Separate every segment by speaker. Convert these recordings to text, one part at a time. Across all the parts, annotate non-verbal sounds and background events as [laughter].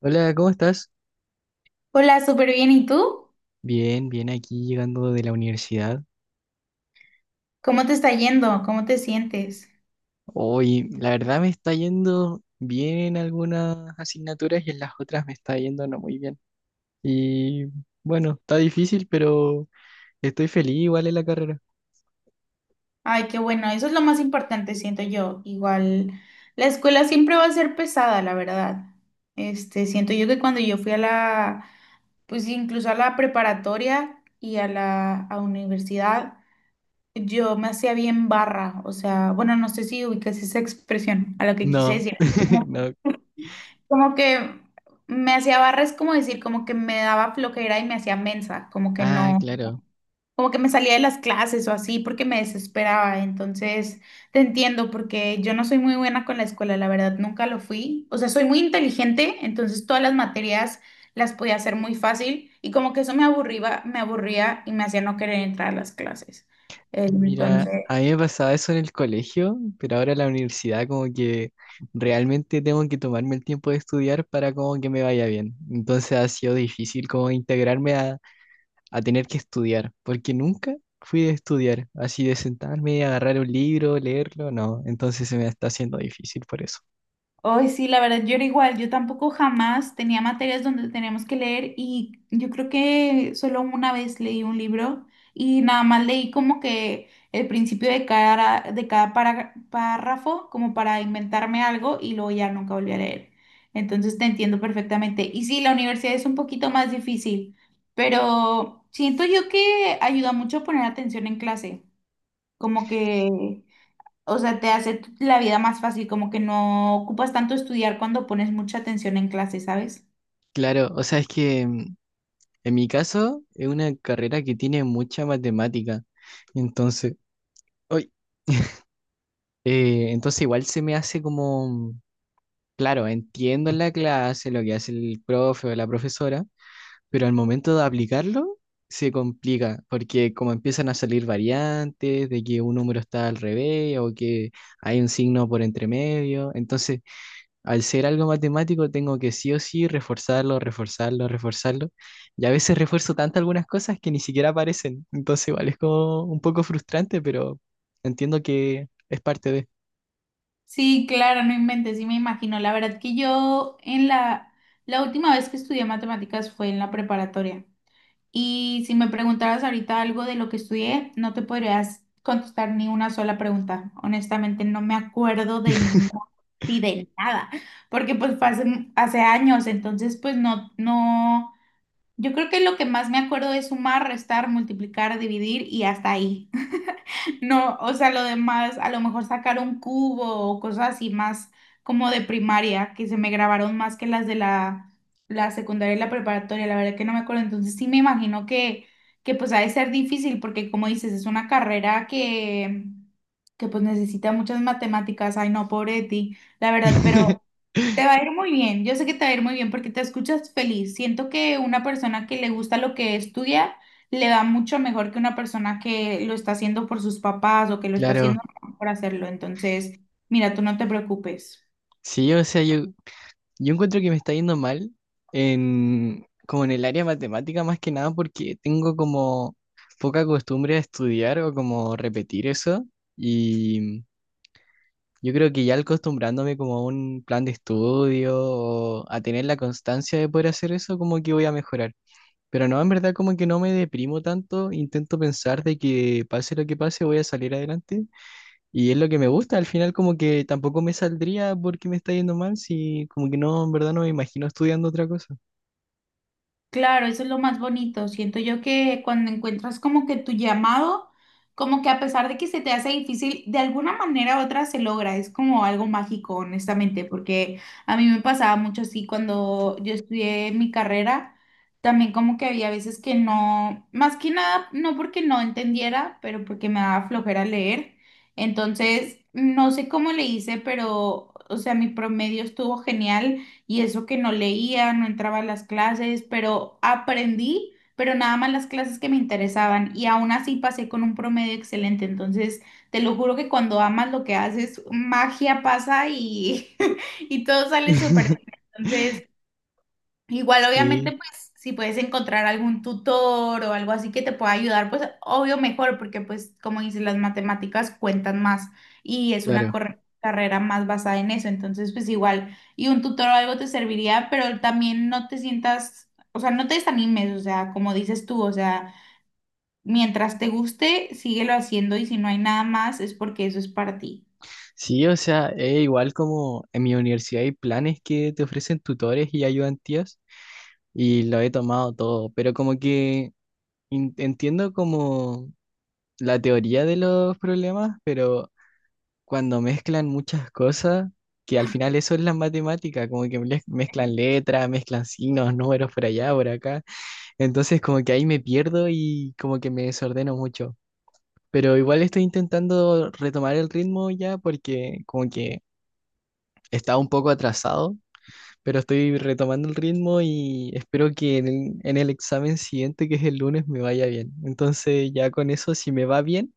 Speaker 1: Hola, ¿cómo estás?
Speaker 2: Hola, súper bien. ¿Y tú?
Speaker 1: Bien, bien, aquí llegando de la universidad.
Speaker 2: ¿Cómo te está yendo? ¿Cómo te sientes?
Speaker 1: Hoy, la verdad me está yendo bien en algunas asignaturas y en las otras me está yendo no muy bien. Y bueno, está difícil, pero estoy feliz igual en la carrera.
Speaker 2: Ay, qué bueno. Eso es lo más importante, siento yo. Igual, la escuela siempre va a ser pesada, la verdad. Siento yo que cuando yo fui pues incluso a la preparatoria y a la a universidad, yo me hacía bien barra. O sea, bueno, no sé si ubicas esa expresión a lo que quise
Speaker 1: No,
Speaker 2: decir.
Speaker 1: [laughs]
Speaker 2: Como,
Speaker 1: no.
Speaker 2: como que me hacía barra es como decir, como que me daba flojera y me hacía mensa, como que
Speaker 1: Ah,
Speaker 2: no.
Speaker 1: claro.
Speaker 2: Como que me salía de las clases o así porque me desesperaba. Entonces, te entiendo porque yo no soy muy buena con la escuela, la verdad, nunca lo fui. O sea, soy muy inteligente, entonces todas las materias las podía hacer muy fácil y como que eso me aburría y me hacía no querer entrar a las clases. Mm.
Speaker 1: Mira, a mí
Speaker 2: Entonces,
Speaker 1: me pasaba eso en el colegio, pero ahora en la universidad como que realmente tengo que tomarme el tiempo de estudiar para como que me vaya bien. Entonces ha sido difícil como integrarme a tener que estudiar, porque nunca fui de estudiar, así de sentarme, agarrar un libro, leerlo, no, entonces se me está haciendo difícil por eso.
Speaker 2: hoy sí, la verdad, yo era igual, yo tampoco jamás tenía materias donde teníamos que leer y yo creo que solo una vez leí un libro y nada más leí como que el principio de cada párrafo como para inventarme algo y luego ya nunca volví a leer. Entonces te entiendo perfectamente. Y sí, la universidad es un poquito más difícil, pero siento yo que ayuda mucho a poner atención en clase, como que... O sea, te hace la vida más fácil, como que no ocupas tanto estudiar cuando pones mucha atención en clase, ¿sabes?
Speaker 1: Claro, o sea, es que en mi caso es una carrera que tiene mucha matemática, entonces, ¡ay! [laughs] Entonces igual se me hace como, claro, entiendo en la clase lo que hace el profe o la profesora, pero al momento de aplicarlo se complica, porque como empiezan a salir variantes de que un número está al revés o que hay un signo por entre medio, entonces al ser algo matemático tengo que sí o sí reforzarlo, reforzarlo, reforzarlo, y a veces refuerzo tanto algunas cosas que ni siquiera aparecen, entonces igual es como un poco frustrante, pero entiendo que es parte de...
Speaker 2: Sí, claro, no inventes, sí me imagino. La verdad que yo la última vez que estudié matemáticas fue en la preparatoria. Y si me preguntaras ahorita algo de lo que estudié, no te podrías contestar ni una sola pregunta. Honestamente, no me acuerdo de nada y de nada, porque pues fue hace años, entonces pues no, no. Yo creo que lo que más me acuerdo es sumar, restar, multiplicar, dividir y hasta ahí. [laughs] No, o sea, lo demás, a lo mejor sacar un cubo o cosas así más como de primaria, que se me grabaron más que las de la secundaria y la preparatoria, la verdad que no me acuerdo. Entonces sí me imagino que pues ha de ser difícil porque como dices, es una carrera que pues necesita muchas matemáticas. Ay, no, pobre de ti, la verdad, pero...
Speaker 1: [laughs]
Speaker 2: Te va a ir muy bien, yo sé que te va a ir muy bien porque te escuchas feliz. Siento que una persona que le gusta lo que estudia le va mucho mejor que una persona que lo está haciendo por sus papás o que lo está
Speaker 1: Claro,
Speaker 2: haciendo por hacerlo. Entonces, mira, tú no te preocupes.
Speaker 1: sí, o sea, yo encuentro que me está yendo mal en, como en el área matemática más que nada porque tengo como poca costumbre a estudiar o como repetir eso y yo creo que ya al acostumbrándome como a un plan de estudio o a tener la constancia de poder hacer eso como que voy a mejorar. Pero no, en verdad como que no me deprimo tanto, intento pensar de que pase lo que pase voy a salir adelante y es lo que me gusta, al final como que tampoco me saldría porque me está yendo mal, si como que no, en verdad no me imagino estudiando otra cosa.
Speaker 2: Claro, eso es lo más bonito. Siento yo que cuando encuentras como que tu llamado, como que a pesar de que se te hace difícil, de alguna manera u otra se logra. Es como algo mágico, honestamente, porque a mí me pasaba mucho así cuando yo estudié mi carrera, también como que había veces que no, más que nada, no porque no entendiera, pero porque me daba flojera leer. Entonces, no sé cómo le hice, pero, o sea, mi promedio estuvo genial y eso que no leía, no entraba a las clases, pero aprendí, pero nada más las clases que me interesaban y aún así pasé con un promedio excelente. Entonces, te lo juro que cuando amas lo que haces, magia pasa y, [laughs] y todo sale súper bien.
Speaker 1: [laughs]
Speaker 2: Entonces, igual, obviamente,
Speaker 1: Sí,
Speaker 2: pues si puedes encontrar algún tutor o algo así que te pueda ayudar, pues obvio mejor, porque pues como dices, las matemáticas cuentan más y es una
Speaker 1: claro.
Speaker 2: carrera más basada en eso, entonces pues igual, y un tutor o algo te serviría, pero también no te sientas, o sea, no te desanimes, o sea, como dices tú, o sea, mientras te guste, síguelo haciendo y si no hay nada más es porque eso es para ti.
Speaker 1: Sí, o sea, es igual como en mi universidad hay planes que te ofrecen tutores y ayudantías y lo he tomado todo, pero como que entiendo como la teoría de los problemas, pero cuando mezclan muchas cosas, que al final eso es la matemática, como que mezclan letras, mezclan signos, números por allá, por acá. Entonces como que ahí me pierdo y como que me desordeno mucho. Pero igual estoy intentando retomar el ritmo ya porque como que estaba un poco atrasado pero estoy retomando el ritmo y espero que en el examen siguiente, que es el lunes, me vaya bien. Entonces ya con eso, si me va bien,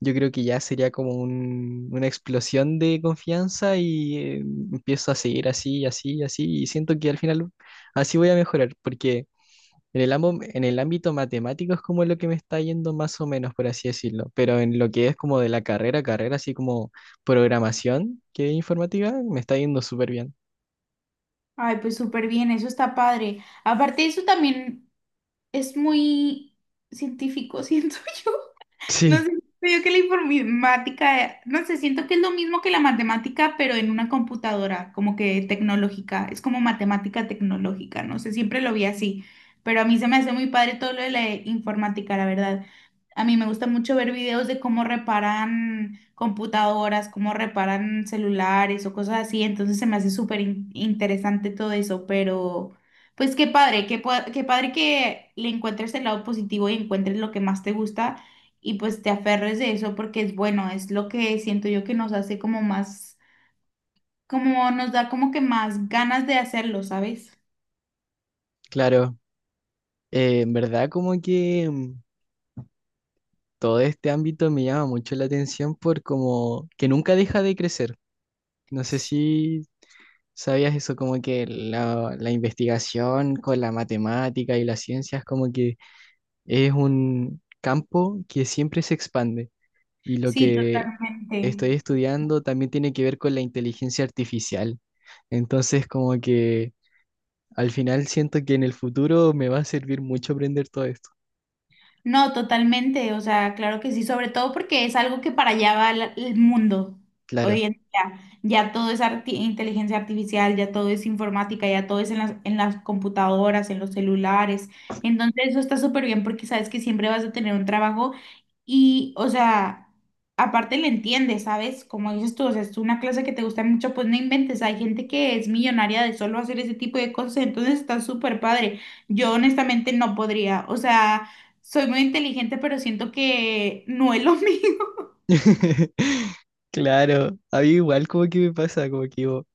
Speaker 1: yo creo que ya sería como una explosión de confianza y empiezo a seguir así, y así, y así, y siento que al final así voy a mejorar, porque en el ámbito matemático es como lo que me está yendo más o menos, por así decirlo, pero en lo que es como de la carrera, carrera, así como programación, que es informática, me está yendo súper bien.
Speaker 2: Ay, pues súper bien, eso está padre. Aparte de eso también... Es muy científico, [laughs] siento yo. No sé,
Speaker 1: Sí,
Speaker 2: siento yo que la informática, no sé, siento que es lo mismo que la matemática, pero en una computadora, como que tecnológica, es como matemática tecnológica, no sé, siempre lo vi así, pero a mí se me hace muy padre todo lo de la informática, la verdad. A mí me gusta mucho ver videos de cómo reparan computadoras, cómo reparan celulares o cosas así, entonces se me hace súper interesante todo eso, pero... Pues qué padre, qué padre que le encuentres el lado positivo y encuentres lo que más te gusta y pues te aferres de eso porque es bueno, es lo que siento yo que nos hace como más, como nos da como que más ganas de hacerlo, ¿sabes?
Speaker 1: claro. En verdad como que todo este ámbito me llama mucho la atención por como que nunca deja de crecer. No sé si sabías eso, como que la investigación con la matemática y las ciencias como que es un campo que siempre se expande y lo
Speaker 2: Sí,
Speaker 1: que
Speaker 2: totalmente.
Speaker 1: estoy estudiando también tiene que ver con la inteligencia artificial. Entonces como que al final siento que en el futuro me va a servir mucho aprender todo esto.
Speaker 2: No, totalmente, o sea, claro que sí, sobre todo porque es algo que para allá va el mundo hoy en
Speaker 1: Claro.
Speaker 2: día. Ya todo es inteligencia artificial, ya todo es informática, ya todo es en las computadoras, en los celulares. Entonces eso está súper bien porque sabes que siempre vas a tener un trabajo. Y, o sea, aparte le entiendes, ¿sabes? Como dices tú, o sea, es una clase que te gusta mucho, pues no inventes. Hay gente que es millonaria de solo hacer ese tipo de cosas, entonces está súper padre. Yo honestamente no podría, o sea, soy muy inteligente, pero siento que no es lo [laughs] mío.
Speaker 1: [laughs] Claro, a mí igual como que me pasa, como que digo,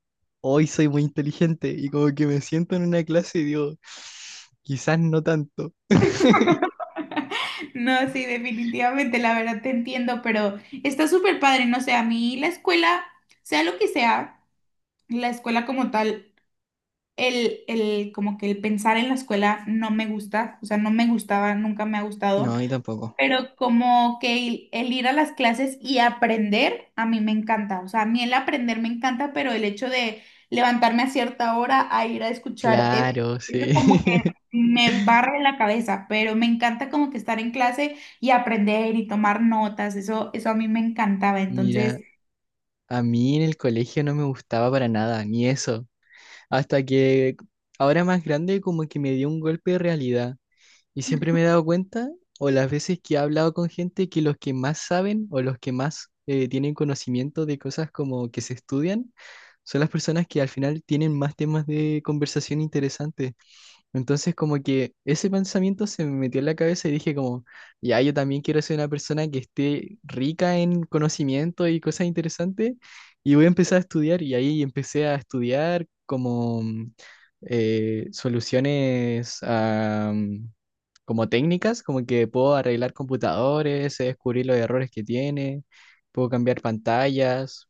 Speaker 1: hoy soy muy inteligente y como que me siento en una clase y digo, [laughs] quizás no tanto.
Speaker 2: No, sí, definitivamente, la verdad te entiendo, pero está súper padre, no sé, a mí la escuela, sea lo que sea, la escuela como tal. Como que el pensar en la escuela no me gusta, o sea, no me gustaba, nunca me ha gustado,
Speaker 1: No, y tampoco.
Speaker 2: pero como que el ir a las clases y aprender, a mí me encanta, o sea, a mí el aprender me encanta, pero el hecho de levantarme a cierta hora a ir a escuchar
Speaker 1: Claro,
Speaker 2: es
Speaker 1: sí.
Speaker 2: como que
Speaker 1: [laughs]
Speaker 2: me barre la cabeza, pero me encanta como que estar en clase y aprender y tomar notas, eso a mí me encantaba, entonces...
Speaker 1: Mira, a mí en el colegio no me gustaba para nada, ni eso. Hasta que ahora más grande como que me dio un golpe de realidad. Y siempre me he dado cuenta, o las veces que he hablado con gente, que los que más saben o los que más tienen conocimiento de cosas como que se estudian, son las personas que al final tienen más temas de conversación interesantes. Entonces, como que ese pensamiento se me metió en la cabeza y dije como, ya, yo también quiero ser una persona que esté rica en conocimiento y cosas interesantes y voy a empezar a estudiar y ahí empecé a estudiar como soluciones a, como técnicas, como que puedo arreglar computadores, sé descubrir los errores que tiene, puedo cambiar pantallas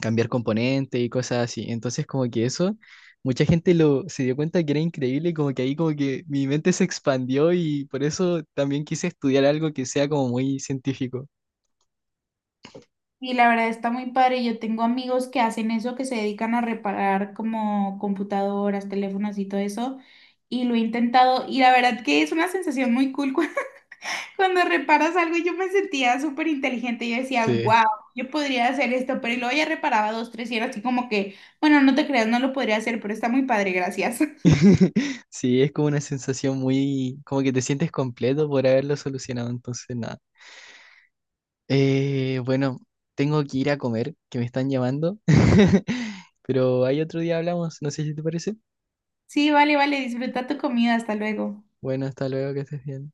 Speaker 1: cambiar componentes y cosas así. Entonces, como que eso, mucha gente lo se dio cuenta que era increíble, y como que ahí como que mi mente se expandió y por eso también quise estudiar algo que sea como muy científico.
Speaker 2: Y la verdad está muy padre. Yo tengo amigos que hacen eso, que se dedican a reparar como computadoras, teléfonos y todo eso. Y lo he intentado. Y la verdad que es una sensación muy cool [laughs] cuando reparas algo. Yo me sentía súper inteligente. Yo decía,
Speaker 1: Sí.
Speaker 2: wow, yo podría hacer esto. Pero y luego ya reparaba dos, tres y era así como que, bueno, no te creas, no lo podría hacer, pero está muy padre, gracias. [laughs]
Speaker 1: [laughs] Sí, es como una sensación muy, como que te sientes completo por haberlo solucionado, entonces nada. Bueno, tengo que ir a comer, que me están llamando, [laughs] pero hay otro día hablamos, no sé si te parece.
Speaker 2: Sí, vale, vale, disfruta tu comida. Hasta luego.
Speaker 1: Bueno, hasta luego, que estés bien.